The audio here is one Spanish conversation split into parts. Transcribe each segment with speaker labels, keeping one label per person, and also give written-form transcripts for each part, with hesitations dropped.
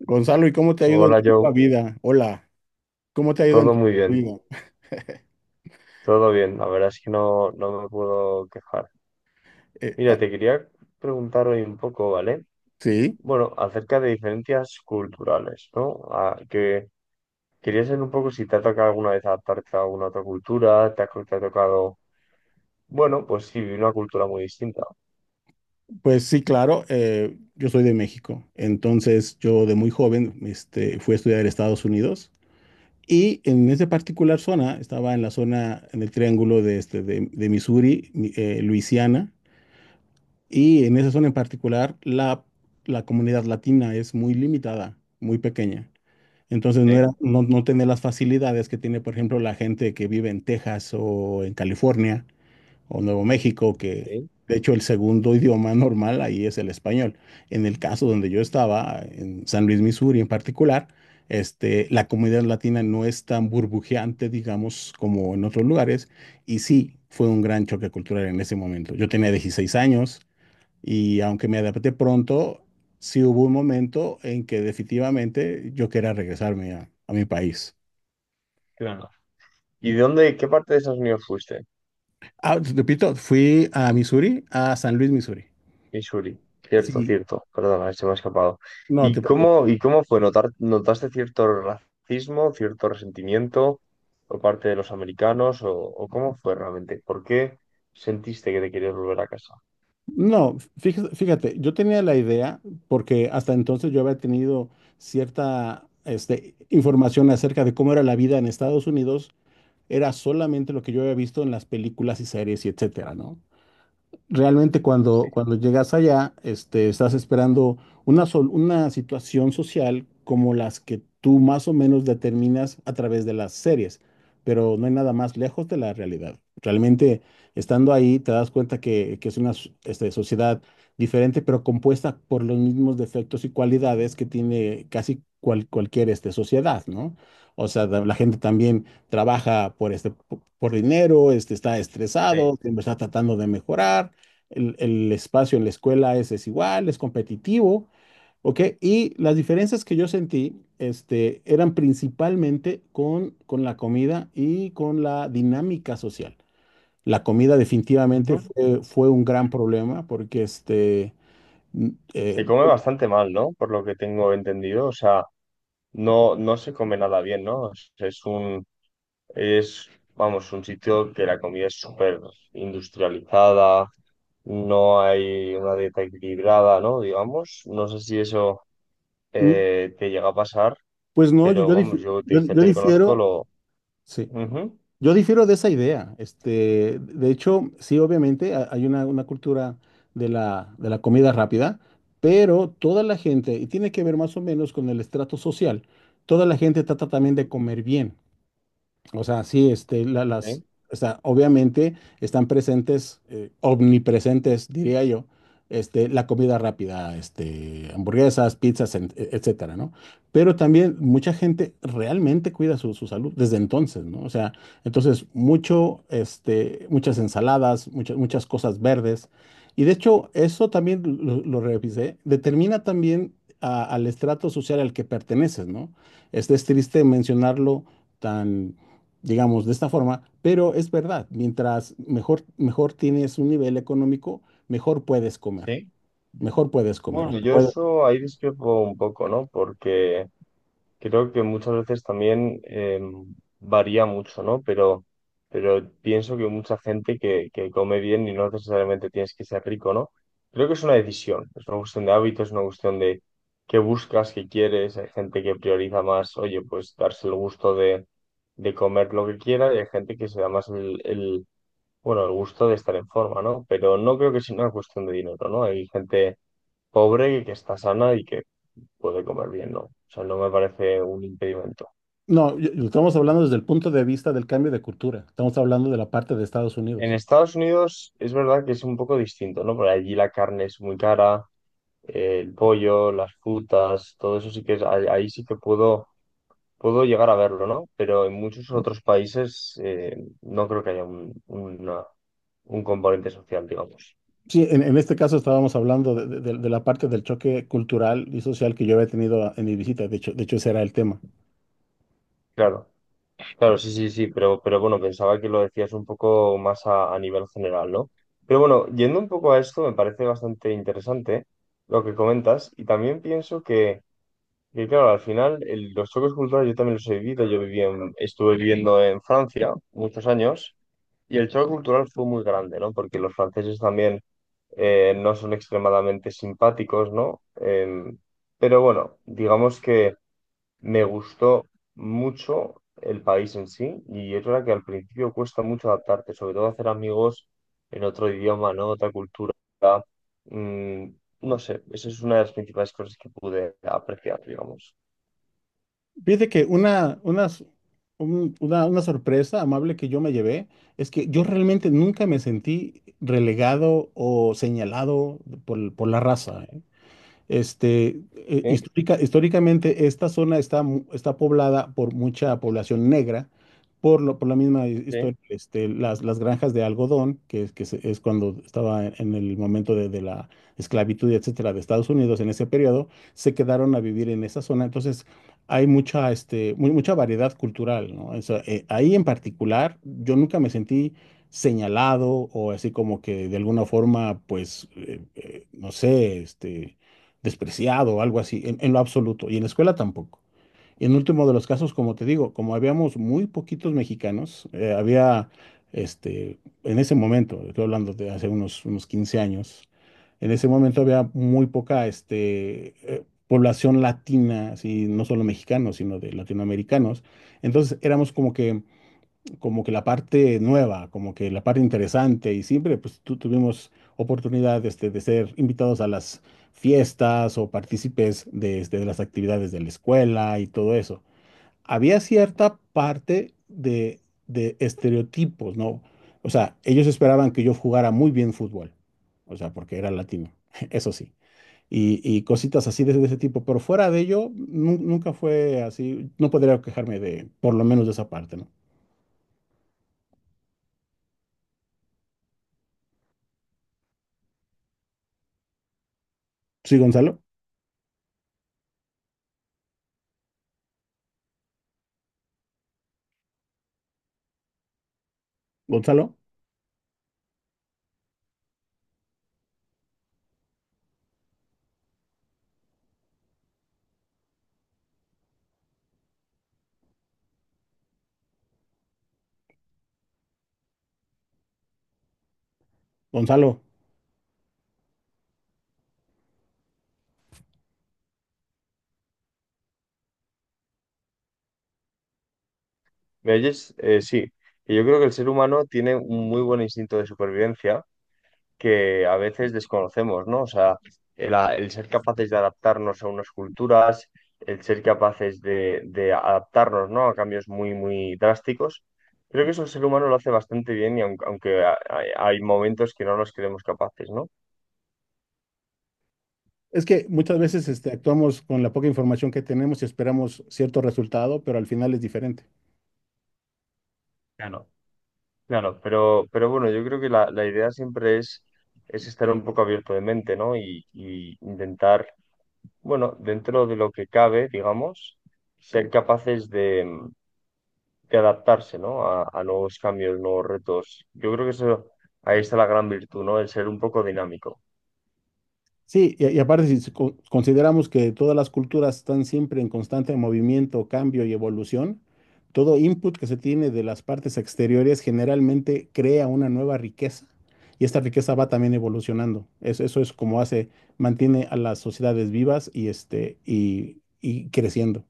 Speaker 1: Gonzalo, ¿y cómo te ha ido en
Speaker 2: Hola
Speaker 1: tu
Speaker 2: Joe,
Speaker 1: nueva vida? Hola, ¿cómo te ha ido en
Speaker 2: todo
Speaker 1: tu
Speaker 2: muy bien,
Speaker 1: nueva vida?
Speaker 2: todo bien, la verdad es que no me puedo quejar.
Speaker 1: Eh,
Speaker 2: Mira,
Speaker 1: ah,
Speaker 2: te quería preguntar hoy un poco, ¿vale?
Speaker 1: sí,
Speaker 2: Bueno, acerca de diferencias culturales, ¿no? Que quería saber un poco si te ha tocado alguna vez adaptarte a alguna otra cultura, te ha tocado, bueno, pues sí, una cultura muy distinta.
Speaker 1: pues sí, claro, yo soy de México, entonces yo de muy joven fui a estudiar a Estados Unidos y en esa particular zona, estaba en la zona, en el triángulo de Missouri, Luisiana, y en esa zona en particular la comunidad latina es muy limitada, muy pequeña. Entonces no era,
Speaker 2: Sí,
Speaker 1: no, no tenía las facilidades que tiene, por ejemplo, la gente que vive en Texas o en California o Nuevo México, que
Speaker 2: sí,
Speaker 1: de hecho el segundo idioma normal ahí es el español. En el caso donde yo estaba, en San Luis, Missouri en particular, la comunidad latina no es tan burbujeante, digamos, como en otros lugares. Y sí, fue un gran choque cultural en ese momento. Yo tenía 16 años y aunque me adapté pronto, sí hubo un momento en que definitivamente yo quería regresarme a mi país.
Speaker 2: claro. ¿Y de dónde, qué parte de Estados Unidos fuiste?
Speaker 1: Ah, te repito, fui a Missouri, a San Luis, Missouri.
Speaker 2: Y Shuri, cierto,
Speaker 1: Sí,
Speaker 2: cierto, perdona, se me ha escapado.
Speaker 1: no
Speaker 2: ¿Y
Speaker 1: te preocupes.
Speaker 2: cómo, y cómo fue? ¿Notaste cierto racismo, cierto resentimiento por parte de los americanos? O cómo fue realmente? ¿Por qué sentiste que te querías volver a casa?
Speaker 1: No, fíjate, yo tenía la idea, porque hasta entonces yo había tenido cierta información acerca de cómo era la vida en Estados Unidos, era solamente lo que yo había visto en las películas y series y etcétera, ¿no? Realmente
Speaker 2: Sí,
Speaker 1: cuando llegas allá, estás esperando una situación social como las que tú más o menos determinas a través de las series, pero no hay nada más lejos de la realidad. Realmente, estando ahí, te das cuenta que es una sociedad diferente, pero compuesta por los mismos defectos y cualidades que tiene casi cualquier sociedad, ¿no? O sea, la gente también trabaja por por dinero, está
Speaker 2: sí.
Speaker 1: estresado, siempre está tratando de mejorar el espacio en la escuela es desigual, es competitivo, ¿ok? Y las diferencias que yo sentí, eran principalmente con la comida y con la dinámica social. La comida definitivamente
Speaker 2: Ujú.
Speaker 1: fue un gran problema porque, mm, eh,
Speaker 2: Se come bastante mal, ¿no? Por lo que tengo entendido. O sea, no, no se come nada bien, ¿no? Es un, es, vamos, un sitio que la comida es súper industrializada, no hay una dieta equilibrada, ¿no? Digamos, no sé si eso
Speaker 1: mm,
Speaker 2: te llega a pasar,
Speaker 1: pues no,
Speaker 2: pero vamos, yo de
Speaker 1: yo
Speaker 2: gente que conozco
Speaker 1: difiero,
Speaker 2: lo...
Speaker 1: sí.
Speaker 2: Ujú.
Speaker 1: Yo difiero de esa idea. De hecho, sí, obviamente hay una cultura de la comida rápida, pero toda la gente, y tiene que ver más o menos con el estrato social, toda la gente trata también de comer bien. O sea, sí, las,
Speaker 2: Sí,
Speaker 1: o sea, obviamente están presentes, omnipresentes, diría yo, la comida rápida, hamburguesas, pizzas, etcétera, ¿no? Pero también mucha gente realmente cuida su salud desde entonces, ¿no? O sea, entonces mucho, muchas ensaladas, muchas cosas verdes. Y de hecho, eso también lo revisé, determina también al estrato social al que perteneces, ¿no? Este es triste mencionarlo tan digamos, de esta forma, pero es verdad, mejor tienes un nivel económico, mejor puedes comer,
Speaker 2: sí.
Speaker 1: mejor puedes comer. O
Speaker 2: Bueno,
Speaker 1: sea,
Speaker 2: yo
Speaker 1: puede-
Speaker 2: eso ahí discrepo un poco, ¿no? Porque creo que muchas veces también varía mucho, ¿no? Pero pienso que mucha gente que come bien y no necesariamente tienes que ser rico, ¿no? Creo que es una decisión, es una cuestión de hábitos, es una cuestión de qué buscas, qué quieres. Hay gente que prioriza más, oye, pues darse el gusto de comer lo que quiera y hay gente que se da más el, bueno, el gusto de estar en forma, ¿no? Pero no creo que sea una cuestión de dinero, ¿no? Hay gente pobre que está sana y puede comer bien, ¿no? O sea, no me parece un impedimento.
Speaker 1: No, estamos hablando desde el punto de vista del cambio de cultura, estamos hablando de la parte de Estados
Speaker 2: En
Speaker 1: Unidos.
Speaker 2: Estados Unidos es verdad que es un poco distinto, ¿no? Por allí la carne es muy cara, el pollo, las frutas, todo eso sí que es, ahí, ahí sí que puedo, puedo llegar a verlo, ¿no? Pero en muchos otros países no creo que haya un, una- un componente social, digamos.
Speaker 1: Sí, en este caso estábamos hablando de la parte del choque cultural y social que yo había tenido en mi visita, de hecho ese era el tema.
Speaker 2: Claro. Claro, sí, sí, sí, pero bueno, pensaba que lo decías un poco más a nivel general, ¿no? Pero bueno, yendo un poco a esto, me parece bastante interesante lo que comentas y también pienso que, claro, al final el- los choques culturales yo también los he vivido, yo viví en- estuve viviendo en Francia muchos años y el choque cultural fue muy grande, ¿no? Porque los franceses también no son extremadamente simpáticos, ¿no? Pero bueno, digamos que... me gustó mucho el país en sí y es verdad que al principio cuesta mucho adaptarte, sobre todo hacer amigos en otro idioma, ¿no? Otra cultura. Mm, no sé, esa es una de las principales cosas que pude apreciar, digamos.
Speaker 1: Fíjate que una, unas- un- una sorpresa amable que yo me llevé es que yo realmente nunca me sentí relegado o señalado por la raza. ¿Eh?
Speaker 2: ¿Sí?
Speaker 1: Históricamente esta zona está, está poblada por mucha población negra, por la misma
Speaker 2: ¿Sí?
Speaker 1: historia, las granjas de algodón, que, es- que se- es cuando estaba en el momento de la esclavitud, etcétera, de Estados Unidos en ese periodo, se quedaron a vivir en esa zona. Entonces, hay mucha, mucha variedad cultural, ¿no? O sea, ahí en particular, yo nunca me sentí señalado o así como que de alguna forma, pues, no sé, despreciado o algo así, en lo absoluto, y en la escuela tampoco. Y en último de los casos, como te digo, como habíamos muy poquitos mexicanos, había, este, en ese momento, estoy hablando de hace unos 15 años, en ese momento había muy poca, población latina, así, no solo mexicanos, sino de latinoamericanos. Entonces éramos como que la parte nueva, como que la parte interesante y siempre pues tuvimos oportunidad de ser invitados a las fiestas o partícipes de las actividades de la escuela y todo eso. Había cierta parte de estereotipos, ¿no? O sea, ellos esperaban que yo jugara muy bien fútbol, o sea, porque era latino, eso sí. Y cositas así de ese tipo, pero fuera de ello, nunca fue así, no podría quejarme de, por lo menos de esa parte, ¿no? Sí, Gonzalo. Gonzalo, Gonzalo,
Speaker 2: ¿Me oyes? Sí. Y yo creo que el ser humano tiene un muy buen instinto de supervivencia que a veces desconocemos, ¿no? O sea, el, a- el ser capaces de adaptarnos a unas culturas, el ser capaces de adaptarnos, ¿no? A cambios muy, muy drásticos. Creo que eso el ser humano lo hace bastante bien y aun- aunque, a- hay momentos que no nos creemos capaces, ¿no?
Speaker 1: es que muchas veces actuamos con la poca información que tenemos y esperamos cierto resultado, pero al final es diferente.
Speaker 2: Claro, claro, pero bueno, yo creo que la idea siempre es estar un poco abierto de mente, ¿no? Y intentar, bueno, dentro de lo que cabe, digamos, ser capaces de que adaptarse, ¿no? A nuevos cambios, nuevos retos. Yo creo que eso, ahí está la gran virtud, ¿no? El ser un poco dinámico.
Speaker 1: Sí, y aparte si consideramos que todas las culturas están siempre en constante movimiento, cambio y evolución, todo input que se tiene de las partes exteriores generalmente crea una nueva riqueza y esta riqueza va también evolucionando. Es- eso es como hace, mantiene a las sociedades vivas y, y creciendo.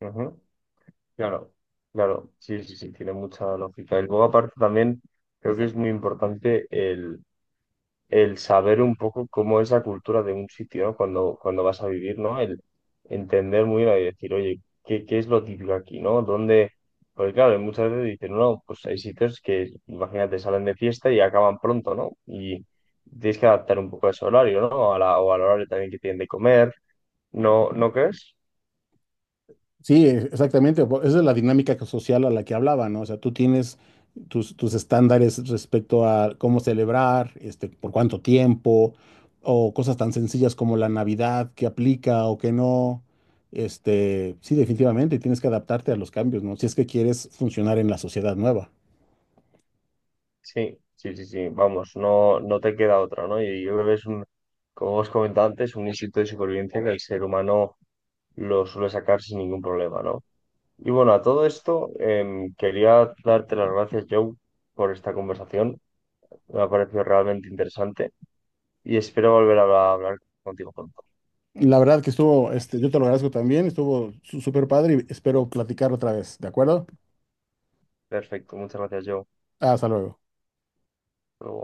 Speaker 2: Ujú. Claro, claro, sí, sí, sí, tiene mucha lógica. Y luego aparte también creo que es muy importante el saber un poco cómo es la cultura de un sitio, ¿no? Cuando, cuando vas a vivir, ¿no? El entender muy bien y decir, oye, ¿qué, qué es lo típico aquí, ¿no? ¿Dónde? Porque claro, muchas veces dicen, no, pues hay sitios que, imagínate, salen de fiesta y acaban pronto, ¿no? Y tienes que adaptar un poco a ese horario, ¿no? A la, o al horario también que tienen de comer, ¿no? ¿No crees?
Speaker 1: Sí, e- exactamente. Po- esa es la dinámica que- social a la que hablaba, ¿no? O sea, tú tienes tus estándares respecto a cómo celebrar, por cuánto tiempo, o cosas tan sencillas como la Navidad, que aplica o que no. Sí, definitivamente, tienes que adaptarte a los cambios, ¿no? Si es que quieres funcionar en la sociedad nueva.
Speaker 2: Sí, sí, sí, sí, vamos, no, no te queda otra, ¿no? Y yo creo que es un, como os comentaba antes, un instinto de supervivencia que el ser humano lo suele sacar sin ningún problema, ¿no? Y bueno, a todo esto, quería darte las gracias, Joe, por esta conversación. Me ha parecido realmente interesante y espero volver a hablar contigo pronto.
Speaker 1: La verdad que estuvo, yo te lo agradezco también, estuvo súper padre y espero platicar otra vez, ¿de acuerdo?
Speaker 2: Perfecto, muchas gracias, Joe.
Speaker 1: Hasta luego.
Speaker 2: Hasta luego.